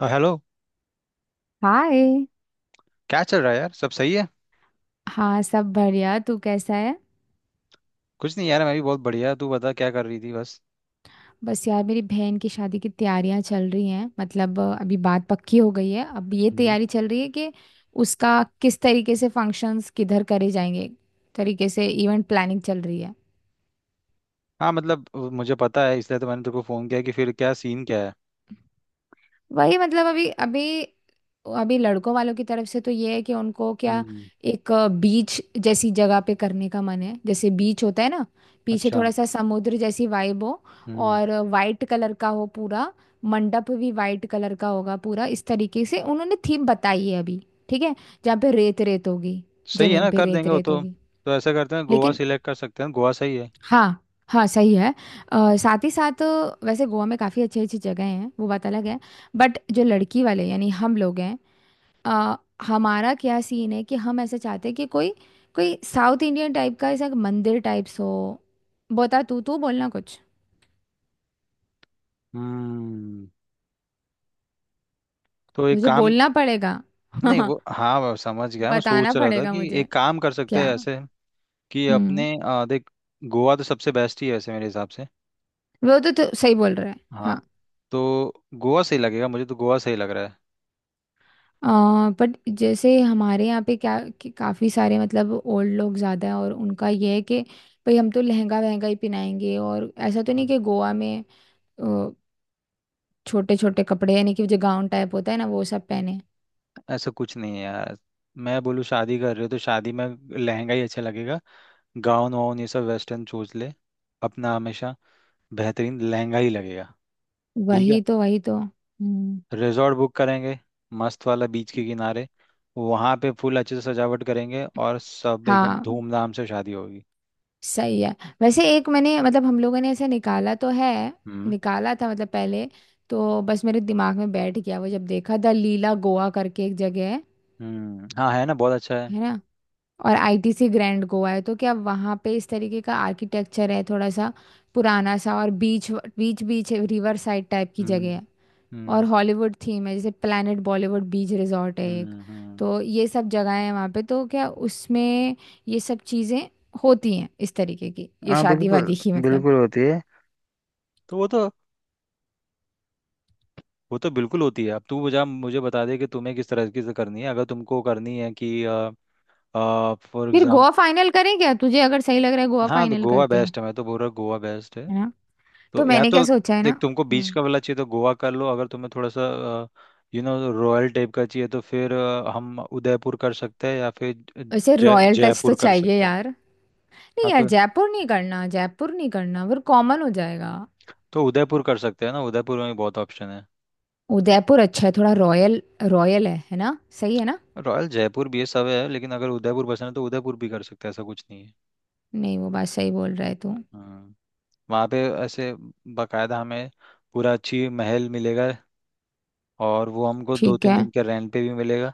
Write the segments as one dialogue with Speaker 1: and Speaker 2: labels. Speaker 1: Hello.
Speaker 2: Hi.
Speaker 1: क्या चल रहा है यार? सब सही है?
Speaker 2: हाँ सब बढ़िया। तू कैसा है?
Speaker 1: कुछ नहीं यार, मैं भी बहुत बढ़िया। तू बता, क्या कर रही थी? बस।
Speaker 2: बस यार मेरी बहन की शादी की तैयारियां चल रही हैं। मतलब अभी बात पक्की हो गई है, अब ये
Speaker 1: हम्म।
Speaker 2: तैयारी चल रही है कि उसका किस तरीके से फंक्शंस किधर करे जाएंगे, तरीके से इवेंट प्लानिंग चल रही है।
Speaker 1: हाँ मतलब मुझे पता है, इसलिए तो मैंने तेरे को फ़ोन किया कि फिर क्या सीन क्या है।
Speaker 2: वही मतलब अभी अभी अभी लड़कों वालों की तरफ से तो ये है कि उनको क्या
Speaker 1: हम्म।
Speaker 2: एक बीच जैसी जगह पे करने का मन है। जैसे बीच होता है ना, पीछे
Speaker 1: अच्छा।
Speaker 2: थोड़ा सा समुद्र जैसी वाइब हो,
Speaker 1: हम्म।
Speaker 2: और वाइट कलर का हो पूरा। मंडप भी वाइट कलर का होगा पूरा, इस तरीके से उन्होंने थीम बताई है अभी। ठीक है। जहाँ पे रेत रेत होगी,
Speaker 1: सही है,
Speaker 2: जमीन
Speaker 1: ना
Speaker 2: पे
Speaker 1: कर
Speaker 2: रेत
Speaker 1: देंगे वो
Speaker 2: रेत
Speaker 1: तो।
Speaker 2: होगी।
Speaker 1: तो ऐसा करते हैं, गोवा
Speaker 2: लेकिन
Speaker 1: सिलेक्ट कर सकते हैं। गोवा सही है।
Speaker 2: हाँ, हाँ सही है। साथ ही साथ वैसे गोवा में काफ़ी अच्छी अच्छी जगह हैं, वो बात अलग है। बट जो लड़की वाले यानी हम लोग हैं, अ, हमारा क्या सीन है कि हम ऐसे चाहते हैं कि कोई कोई साउथ इंडियन टाइप का ऐसा मंदिर टाइप्स हो। बता, तू तू बोलना कुछ।
Speaker 1: हम्म, तो एक
Speaker 2: मुझे
Speaker 1: काम।
Speaker 2: बोलना पड़ेगा।
Speaker 1: नहीं वो, हाँ, वो समझ गया। मैं
Speaker 2: बताना
Speaker 1: सोच रहा था
Speaker 2: पड़ेगा
Speaker 1: कि
Speaker 2: मुझे
Speaker 1: एक काम कर सकते
Speaker 2: क्या।
Speaker 1: हैं ऐसे, कि
Speaker 2: हम्म।
Speaker 1: अपने, देख, गोवा तो सबसे बेस्ट ही है ऐसे मेरे हिसाब से।
Speaker 2: वो तो सही बोल रहा है।
Speaker 1: हाँ।
Speaker 2: हाँ।
Speaker 1: तो गोवा सही लगेगा, मुझे तो गोवा सही लग रहा
Speaker 2: बट जैसे हमारे यहाँ पे क्या कि काफ़ी सारे मतलब ओल्ड लोग ज़्यादा हैं, और उनका ये है कि भाई हम तो लहंगा वहंगा ही पहनाएंगे। और ऐसा तो
Speaker 1: है।
Speaker 2: नहीं कि गोवा में छोटे छोटे कपड़े यानी कि जो गाउन टाइप होता है ना वो सब पहने।
Speaker 1: ऐसा कुछ नहीं है यार। मैं बोलूँ, शादी कर रहे हो तो शादी में लहंगा ही अच्छा लगेगा। गाउन वाउन ये सब वेस्टर्न, चूज ले अपना। हमेशा बेहतरीन लहंगा ही लगेगा। ठीक है।
Speaker 2: वही तो हम्म।
Speaker 1: रिजॉर्ट बुक करेंगे, मस्त वाला बीच के किनारे। वहाँ पे फुल अच्छे से सजावट करेंगे, और सब एकदम
Speaker 2: हाँ
Speaker 1: धूमधाम से शादी होगी।
Speaker 2: सही है। वैसे एक मैंने मतलब हम लोगों ने ऐसे निकाला तो है,
Speaker 1: हम्म।
Speaker 2: निकाला था मतलब पहले। तो बस मेरे दिमाग में बैठ गया वो, जब देखा द लीला गोवा करके एक जगह है।
Speaker 1: हम्म। हाँ, है ना, बहुत अच्छा है।
Speaker 2: है ना। और आईटीसी ग्रैंड गोवा है, तो क्या वहाँ पे इस तरीके का आर्किटेक्चर है थोड़ा सा पुराना सा, और beach beach beach river side type की
Speaker 1: हम्म।
Speaker 2: जगह है। और
Speaker 1: हम्म।
Speaker 2: हॉलीवुड थीम है, जैसे प्लैनेट बॉलीवुड बीच रिजॉर्ट है एक।
Speaker 1: हम्म। हम्म।
Speaker 2: तो ये सब जगहें हैं वहाँ पे, तो क्या उसमें ये सब चीज़ें होती हैं इस तरीके की, ये
Speaker 1: हाँ
Speaker 2: शादी
Speaker 1: बिल्कुल।
Speaker 2: वादी की मतलब।
Speaker 1: बिल्कुल होती है। तो वो तो, वो तो बिल्कुल होती है। अब तू मुझे मुझे बता दे कि तुम्हें किस तरह की से करनी है, अगर तुमको करनी है कि फॉर
Speaker 2: फिर
Speaker 1: एग्जाम्पल।
Speaker 2: गोवा फाइनल करें क्या? तुझे अगर सही लग रहा है गोवा
Speaker 1: हाँ तो
Speaker 2: फाइनल
Speaker 1: गोवा
Speaker 2: करते हैं।
Speaker 1: बेस्ट है, मैं तो बोल रहा हूँ गोवा बेस्ट है।
Speaker 2: है ना। तो
Speaker 1: तो या
Speaker 2: मैंने क्या
Speaker 1: तो
Speaker 2: सोचा है
Speaker 1: देख,
Speaker 2: ना।
Speaker 1: तुमको बीच
Speaker 2: हम्म।
Speaker 1: का वाला चाहिए तो गोवा कर लो, अगर तुम्हें थोड़ा सा यू नो रॉयल टाइप का चाहिए तो फिर हम उदयपुर कर सकते हैं या फिर
Speaker 2: वैसे
Speaker 1: जय
Speaker 2: रॉयल टच
Speaker 1: जयपुर
Speaker 2: तो
Speaker 1: कर
Speaker 2: चाहिए
Speaker 1: सकते हैं।
Speaker 2: यार। नहीं
Speaker 1: हाँ,
Speaker 2: यार जयपुर नहीं करना, जयपुर नहीं करना, फिर कॉमन हो जाएगा।
Speaker 1: तो उदयपुर कर सकते हैं ना, उदयपुर में भी बहुत ऑप्शन है।
Speaker 2: उदयपुर अच्छा है, थोड़ा रॉयल। रॉयल है ना? सही है ना?
Speaker 1: रॉयल जयपुर भी है, सब है, लेकिन अगर उदयपुर पसंद है तो उदयपुर भी कर सकते हैं, ऐसा कुछ नहीं है।
Speaker 2: नहीं वो बात सही बोल रहा है तू।
Speaker 1: हाँ। वहाँ पे ऐसे बकायदा हमें पूरा अच्छी महल मिलेगा, और वो हमको दो
Speaker 2: ठीक
Speaker 1: तीन
Speaker 2: है।
Speaker 1: दिन के रेंट पे भी मिलेगा।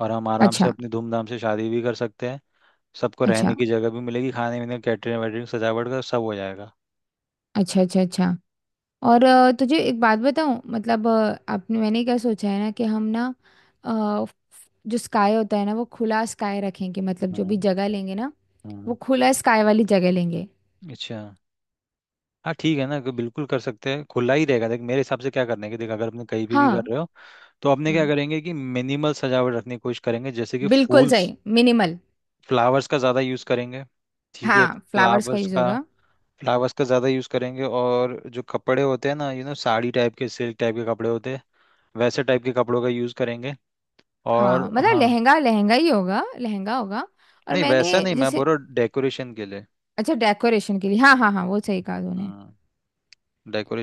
Speaker 1: और हम आराम से
Speaker 2: अच्छा,
Speaker 1: अपनी धूमधाम से शादी भी कर सकते हैं। सबको
Speaker 2: अच्छा,
Speaker 1: रहने की जगह भी मिलेगी, खाने पीने कैटरिंग वैटरिंग सजावट का सब हो जाएगा।
Speaker 2: अच्छा, अच्छा, अच्छा। और तुझे एक बात बताऊं, मतलब आपने मैंने क्या सोचा है ना कि हम ना अ, जो स्काई होता है ना वो खुला स्काई रखेंगे। मतलब जो
Speaker 1: हाँ।
Speaker 2: भी जगह लेंगे ना वो
Speaker 1: हाँ।
Speaker 2: खुला स्काई वाली जगह लेंगे।
Speaker 1: अच्छा। हाँ ठीक है ना, कि बिल्कुल कर सकते हैं, खुला ही रहेगा। देख, मेरे हिसाब से क्या करने की, देख, अगर अपने कहीं भी कर
Speaker 2: हाँ।
Speaker 1: रहे हो, तो अपने क्या
Speaker 2: हम्म।
Speaker 1: करेंगे कि मिनिमल सजावट रखने की कोशिश करेंगे, जैसे कि
Speaker 2: बिल्कुल
Speaker 1: फूल्स,
Speaker 2: सही, मिनिमल।
Speaker 1: फ्लावर्स का ज़्यादा यूज़ करेंगे। ठीक है,
Speaker 2: हाँ, फ्लावर्स का
Speaker 1: फ्लावर्स
Speaker 2: यूज
Speaker 1: का,
Speaker 2: होगा।
Speaker 1: फ्लावर्स का ज़्यादा यूज़ करेंगे। और जो कपड़े होते हैं ना, साड़ी टाइप के सिल्क टाइप के कपड़े होते हैं, वैसे टाइप के कपड़ों का यूज़ करेंगे। और
Speaker 2: हाँ मतलब
Speaker 1: हाँ,
Speaker 2: लहंगा लहंगा ही होगा, लहंगा होगा। और
Speaker 1: नहीं
Speaker 2: मैंने
Speaker 1: वैसा नहीं, मैं
Speaker 2: जैसे
Speaker 1: बोल रहा हूँ डेकोरेशन के लिए।
Speaker 2: अच्छा डेकोरेशन के लिए, हाँ, हाँ, हाँ, वो सही कहा तूने।
Speaker 1: हम्म।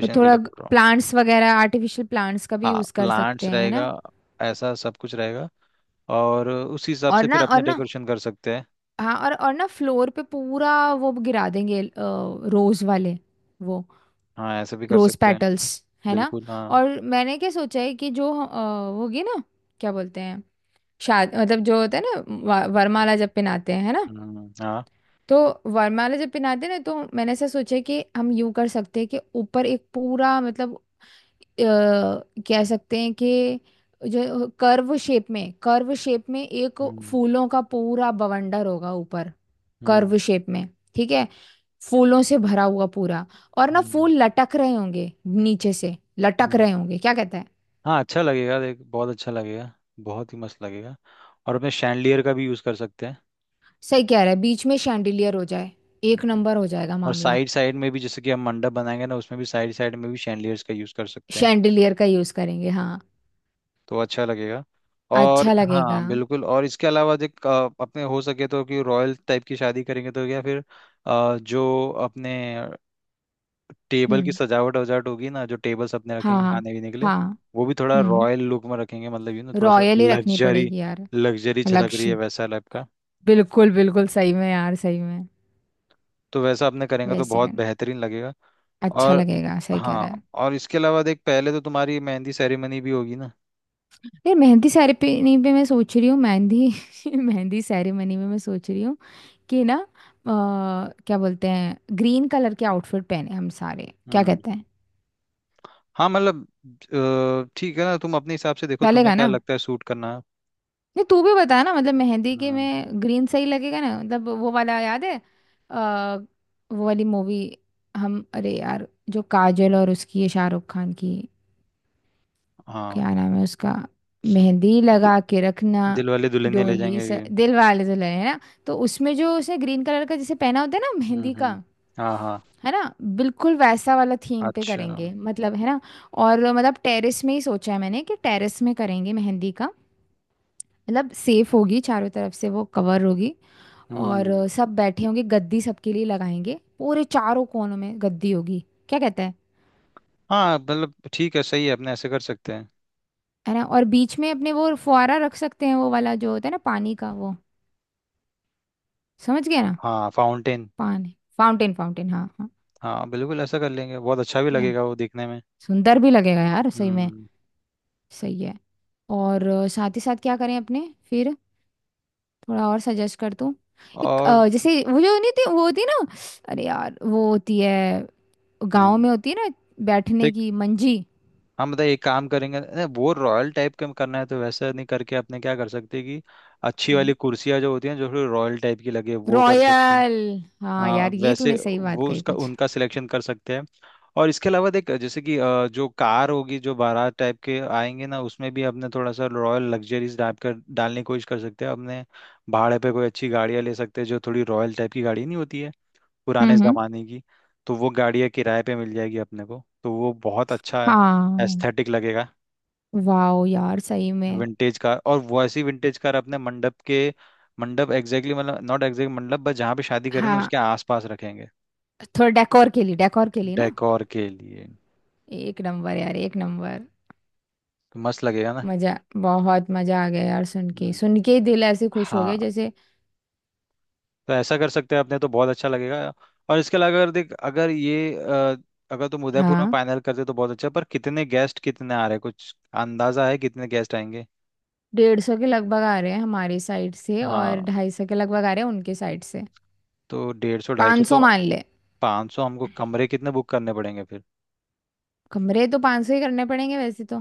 Speaker 2: तो
Speaker 1: के लिए
Speaker 2: थोड़ा
Speaker 1: बोल रहा हूँ।
Speaker 2: प्लांट्स वगैरह, आर्टिफिशियल प्लांट्स का भी
Speaker 1: हाँ
Speaker 2: यूज कर सकते
Speaker 1: प्लांट्स
Speaker 2: हैं, है
Speaker 1: रहेगा,
Speaker 2: ना।
Speaker 1: ऐसा सब कुछ रहेगा, और उसी हिसाब
Speaker 2: और
Speaker 1: से
Speaker 2: ना
Speaker 1: फिर
Speaker 2: और
Speaker 1: अपने
Speaker 2: ना
Speaker 1: डेकोरेशन कर सकते हैं।
Speaker 2: हाँ, और ना फ्लोर पे पूरा वो गिरा देंगे, रोज वाले वो,
Speaker 1: हाँ, ऐसे भी कर
Speaker 2: रोज
Speaker 1: सकते हैं।
Speaker 2: पेटल्स, है ना।
Speaker 1: बिल्कुल हाँ।
Speaker 2: और मैंने क्या सोचा है कि जो वो होगी ना, क्या बोलते हैं, शाद मतलब जो होता है ना, वरमाला जब
Speaker 1: हम्म।
Speaker 2: पहनाते हैं है ना।
Speaker 1: हाँ।
Speaker 2: तो वरमाला जब पहनाते ना, तो मैंने ऐसा सोचा कि हम यूं कर सकते हैं कि ऊपर एक पूरा मतलब अ, कह सकते हैं कि जो कर्व शेप में, कर्व शेप में एक
Speaker 1: हम्म।
Speaker 2: फूलों का पूरा बवंडर होगा ऊपर। Curve
Speaker 1: hmm.
Speaker 2: शेप में, ठीक है, फूलों से भरा हुआ पूरा। और ना
Speaker 1: हम्म।
Speaker 2: फूल लटक रहे होंगे, नीचे से लटक
Speaker 1: हम्म।
Speaker 2: रहे होंगे, क्या कहते हैं।
Speaker 1: हाँ, अच्छा लगेगा देख, बहुत अच्छा लगेगा, बहुत ही मस्त लगेगा। और अपने शैंडलियर का भी यूज़ कर सकते हैं।
Speaker 2: सही कह रहा है, बीच में शैंडिलियर हो जाए, एक
Speaker 1: हम्म।
Speaker 2: नंबर हो जाएगा
Speaker 1: और
Speaker 2: मामला।
Speaker 1: साइड साइड में भी, जैसे कि हम मंडप बनाएंगे ना, उसमें भी साइड साइड में भी शैंडलियर्स का यूज़ कर सकते हैं,
Speaker 2: शैंडिलियर का यूज करेंगे हाँ।
Speaker 1: तो अच्छा लगेगा। और
Speaker 2: अच्छा लगेगा।
Speaker 1: हाँ बिल्कुल। और इसके अलावा देख, अपने हो सके तो कि रॉयल टाइप की शादी करेंगे, तो या फिर जो अपने टेबल की
Speaker 2: हम्म।
Speaker 1: सजावट वजावट होगी ना, जो टेबल्स अपने रखेंगे
Speaker 2: हाँ,
Speaker 1: खाने पीने के लिए,
Speaker 2: हाँ,
Speaker 1: वो भी थोड़ा
Speaker 2: हम्म।
Speaker 1: रॉयल लुक में रखेंगे, मतलब यू ना थोड़ा सा
Speaker 2: रॉयल ही रखनी
Speaker 1: लग्जरी,
Speaker 2: पड़ेगी यार।
Speaker 1: लग्जरी झलक रही है
Speaker 2: लक्ष्य।
Speaker 1: वैसा टाइप का।
Speaker 2: बिल्कुल, बिल्कुल, सही में यार, सही में।
Speaker 1: तो वैसा आपने करेंगे तो
Speaker 2: वैसे
Speaker 1: बहुत
Speaker 2: कर
Speaker 1: बेहतरीन लगेगा।
Speaker 2: अच्छा
Speaker 1: और
Speaker 2: लगेगा, सही कह
Speaker 1: हाँ,
Speaker 2: रहा है।
Speaker 1: और इसके अलावा देख, पहले तो तुम्हारी मेहंदी सेरेमनी भी होगी ना।
Speaker 2: यार मेहंदी सेरेमनी पे मैं सोच रही हूँ मेहंदी। मेहंदी सेरेमनी में मैं सोच रही हूँ कि ना क्या बोलते हैं, ग्रीन कलर के आउटफिट पहने हम सारे, क्या
Speaker 1: हम्म।
Speaker 2: कहते हैं।
Speaker 1: हाँ मतलब ठीक है ना, तुम अपने हिसाब से देखो, तुम्हें
Speaker 2: चलेगा
Speaker 1: क्या
Speaker 2: ना।
Speaker 1: लगता है सूट करना।
Speaker 2: नहीं तू भी बता ना, मतलब मेहंदी के
Speaker 1: हम्म।
Speaker 2: में ग्रीन सही लगेगा ना, मतलब वो वाला याद है, आ, वो वाली मूवी। हम अरे यार जो काजल और उसकी है शाहरुख खान की,
Speaker 1: हाँ,
Speaker 2: क्या नाम है उसका, मेहंदी
Speaker 1: दि,
Speaker 2: लगा के रखना।
Speaker 1: दिल वाले दुल्हनिया ले
Speaker 2: डोली
Speaker 1: जाएंगे।
Speaker 2: से दिल वाले दुल्हन, है ना? तो उसमें जो उसने ग्रीन कलर का जैसे पहना होता है ना
Speaker 1: हम्म।
Speaker 2: मेहंदी का,
Speaker 1: हम्म। हाँ। हाँ।
Speaker 2: है ना, बिल्कुल वैसा वाला थीम पे
Speaker 1: अच्छा।
Speaker 2: करेंगे मतलब, है ना। और मतलब टेरेस में ही सोचा है मैंने कि टेरेस में करेंगे मेहंदी का, मतलब सेफ होगी चारों तरफ से वो कवर होगी। और
Speaker 1: हम्म,
Speaker 2: सब बैठे होंगे, गद्दी सबके लिए लगाएंगे, पूरे चारों कोनों में गद्दी होगी, क्या कहता है।
Speaker 1: हाँ मतलब ठीक है, सही है, अपने ऐसे कर सकते हैं।
Speaker 2: है ना? और बीच में अपने वो फुहारा रख सकते हैं, वो वाला जो होता है ना, पानी का वो, समझ गया ना,
Speaker 1: हाँ फाउंटेन।
Speaker 2: पानी फाउंटेन, फाउंटेन हाँ, हाँ।
Speaker 1: हाँ बिल्कुल, ऐसा कर लेंगे, बहुत अच्छा भी
Speaker 2: ठीक है।
Speaker 1: लगेगा वो देखने में।
Speaker 2: सुंदर भी लगेगा यार सही में।
Speaker 1: हम्म।
Speaker 2: सही है। और साथ ही साथ क्या करें अपने फिर, थोड़ा और सजेस्ट कर तू। एक
Speaker 1: और।
Speaker 2: जैसे वो जो नहीं थी, वो होती ना, अरे यार वो होती है, गांव
Speaker 1: हम्म।
Speaker 2: में होती है ना, बैठने की मंजी।
Speaker 1: हम बताइए, एक काम करेंगे नहीं, वो रॉयल टाइप का करना है तो वैसा नहीं करके अपने क्या कर सकते कि अच्छी वाली कुर्सियाँ जो होती हैं, जो थोड़ी रॉयल टाइप की लगे, वो कर सकते हैं।
Speaker 2: रॉयल। हाँ
Speaker 1: हाँ
Speaker 2: यार, ये
Speaker 1: वैसे,
Speaker 2: तूने सही बात
Speaker 1: वो
Speaker 2: कही
Speaker 1: उसका
Speaker 2: कुछ।
Speaker 1: उनका सिलेक्शन कर सकते हैं। और इसके अलावा देख, जैसे कि जो कार होगी, जो बारात टाइप के आएंगे ना, उसमें भी अपने थोड़ा सा रॉयल लग्जरीज टाइप का डालने की कोशिश कर सकते हैं अपने। भाड़े पे कोई अच्छी गाड़ियाँ ले सकते हैं, जो थोड़ी रॉयल टाइप की गाड़ी नहीं होती है, पुराने
Speaker 2: हम्म, हम्म,
Speaker 1: ज़माने की, तो वो गाड़ियाँ किराए पे मिल जाएगी अपने को, तो वो बहुत अच्छा
Speaker 2: हाँ।
Speaker 1: एस्थेटिक लगेगा।
Speaker 2: वाओ यार सही में।
Speaker 1: विंटेज कार, और वैसी विंटेज कार अपने मंडप के, मंडप एग्जैक्टली, मतलब नॉट एग्जैक्ट मंडप, बस जहाँ पे शादी करें ना
Speaker 2: हाँ
Speaker 1: उसके आसपास रखेंगे।
Speaker 2: थोड़ा डेकोर के लिए, डेकोर के लिए ना।
Speaker 1: डेकोर के लिए तो
Speaker 2: एक नंबर यार, एक नंबर।
Speaker 1: मस्त लगेगा ना।
Speaker 2: मजा, बहुत मजा आ गया यार,
Speaker 1: हम्म।
Speaker 2: सुन के ही दिल ऐसे खुश हो
Speaker 1: हाँ,
Speaker 2: गया जैसे।
Speaker 1: तो ऐसा कर सकते हैं अपने, तो बहुत अच्छा लगेगा। और इसके अलावा अगर देख, अगर ये अगर तुम उदयपुर में
Speaker 2: हाँ।
Speaker 1: फाइनल करते तो बहुत अच्छा, पर कितने गेस्ट कितने आ रहे हैं? कुछ अंदाजा है कितने गेस्ट आएंगे?
Speaker 2: 150 के लगभग आ रहे हैं हमारी साइड से, और
Speaker 1: हाँ।
Speaker 2: 250 के लगभग आ रहे हैं उनके साइड से।
Speaker 1: तो 150 250
Speaker 2: 500
Speaker 1: तो,
Speaker 2: मान ले।
Speaker 1: 500 हमको कमरे कितने बुक करने पड़ेंगे फिर?
Speaker 2: कमरे तो 500 ही करने पड़ेंगे वैसे तो।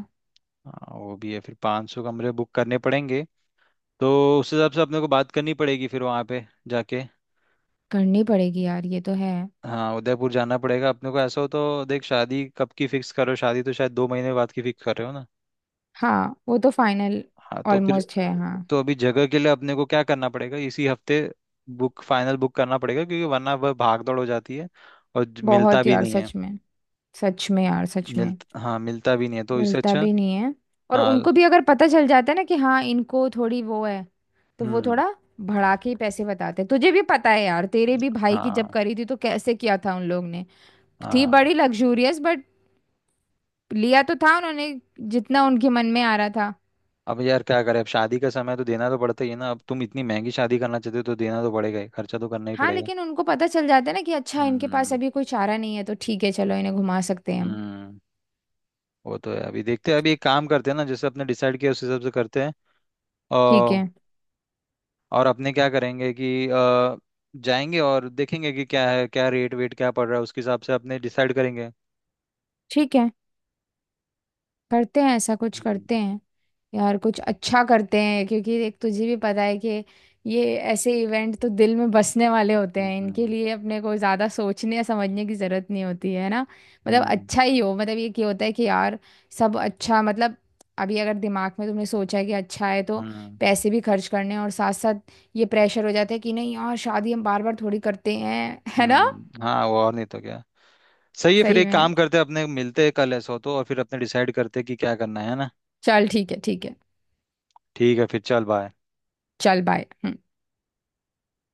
Speaker 1: हाँ वो भी है, फिर 500 कमरे बुक करने पड़ेंगे। तो उस हिसाब से अपने को बात करनी पड़ेगी, फिर वहाँ पे जाके।
Speaker 2: करनी पड़ेगी यार, ये तो है।
Speaker 1: हाँ, उदयपुर जाना पड़ेगा अपने को, ऐसा हो तो देख, शादी कब की फिक्स करो? शादी तो शायद 2 महीने बाद की फिक्स कर रहे हो ना?
Speaker 2: हाँ वो तो फाइनल,
Speaker 1: हाँ तो फिर
Speaker 2: ऑलमोस्ट है हाँ।
Speaker 1: तो अभी जगह के लिए अपने को क्या करना पड़ेगा, इसी हफ्ते बुक फाइनल बुक करना पड़ेगा, क्योंकि वरना वह भाग दौड़ हो जाती है, और मिलता
Speaker 2: बहुत
Speaker 1: भी
Speaker 2: यार
Speaker 1: नहीं है।
Speaker 2: सच में, सच में यार, सच
Speaker 1: मिल
Speaker 2: में।
Speaker 1: हाँ, मिलता भी नहीं है, तो इससे
Speaker 2: मिलता
Speaker 1: अच्छा।
Speaker 2: भी नहीं है। और
Speaker 1: हाँ।
Speaker 2: उनको भी अगर पता चल जाता है ना कि हाँ इनको थोड़ी वो है, तो वो
Speaker 1: हम्म।
Speaker 2: थोड़ा बढ़ा के ही पैसे बताते हैं। तुझे भी पता है यार, तेरे भी भाई की जब
Speaker 1: हाँ।
Speaker 2: करी थी तो कैसे किया था उन लोग ने। थी
Speaker 1: हाँ।
Speaker 2: बड़ी लग्जूरियस बट लिया तो था उन्होंने जितना उनके मन में आ रहा था।
Speaker 1: अब यार क्या करें, अब शादी का समय है, तो देना तो पड़ता ही है ना। अब तुम इतनी महंगी शादी करना चाहते हो, तो देना तो पड़ेगा ही, खर्चा तो करना ही
Speaker 2: हाँ
Speaker 1: पड़ेगा।
Speaker 2: लेकिन उनको पता चल जाता है ना कि अच्छा इनके पास
Speaker 1: हम्म।
Speaker 2: अभी कोई चारा नहीं है, तो ठीक है चलो इन्हें घुमा सकते हैं हम।
Speaker 1: हम्म। वो तो है, अभी देखते हैं, अभी एक काम करते हैं ना, जैसे अपने डिसाइड किया उस हिसाब से करते हैं।
Speaker 2: ठीक
Speaker 1: और
Speaker 2: है,
Speaker 1: और अपने क्या करेंगे कि जाएंगे और देखेंगे कि क्या है, क्या रेट वेट क्या पड़ रहा है, उसके हिसाब से अपने डिसाइड करेंगे।
Speaker 2: ठीक है, करते हैं, ऐसा कुछ
Speaker 1: हम्म।
Speaker 2: करते हैं। यार कुछ अच्छा करते हैं, क्योंकि एक तुझे भी पता है कि ये ऐसे इवेंट तो दिल में बसने वाले होते हैं, इनके
Speaker 1: हम्म।
Speaker 2: लिए अपने को ज़्यादा सोचने या समझने की ज़रूरत नहीं होती है ना। मतलब
Speaker 1: हम्म।
Speaker 2: अच्छा ही हो, मतलब ये क्या होता है कि यार सब अच्छा मतलब, अभी अगर दिमाग में तुमने सोचा है कि अच्छा है, तो
Speaker 1: हम्म।
Speaker 2: पैसे भी खर्च करने हैं, और साथ साथ ये प्रेशर हो जाता है कि नहीं यार शादी हम बार बार थोड़ी करते हैं। है ना?
Speaker 1: हाँ वो, और नहीं तो क्या। सही है, फिर
Speaker 2: सही
Speaker 1: एक
Speaker 2: में।
Speaker 1: काम करते हैं, अपने मिलते हैं कल ऐसा हो तो, और फिर अपने डिसाइड करते हैं कि क्या करना है ना।
Speaker 2: चल ठीक है, ठीक है।
Speaker 1: ठीक है, फिर चल, बाय।
Speaker 2: चल बाय।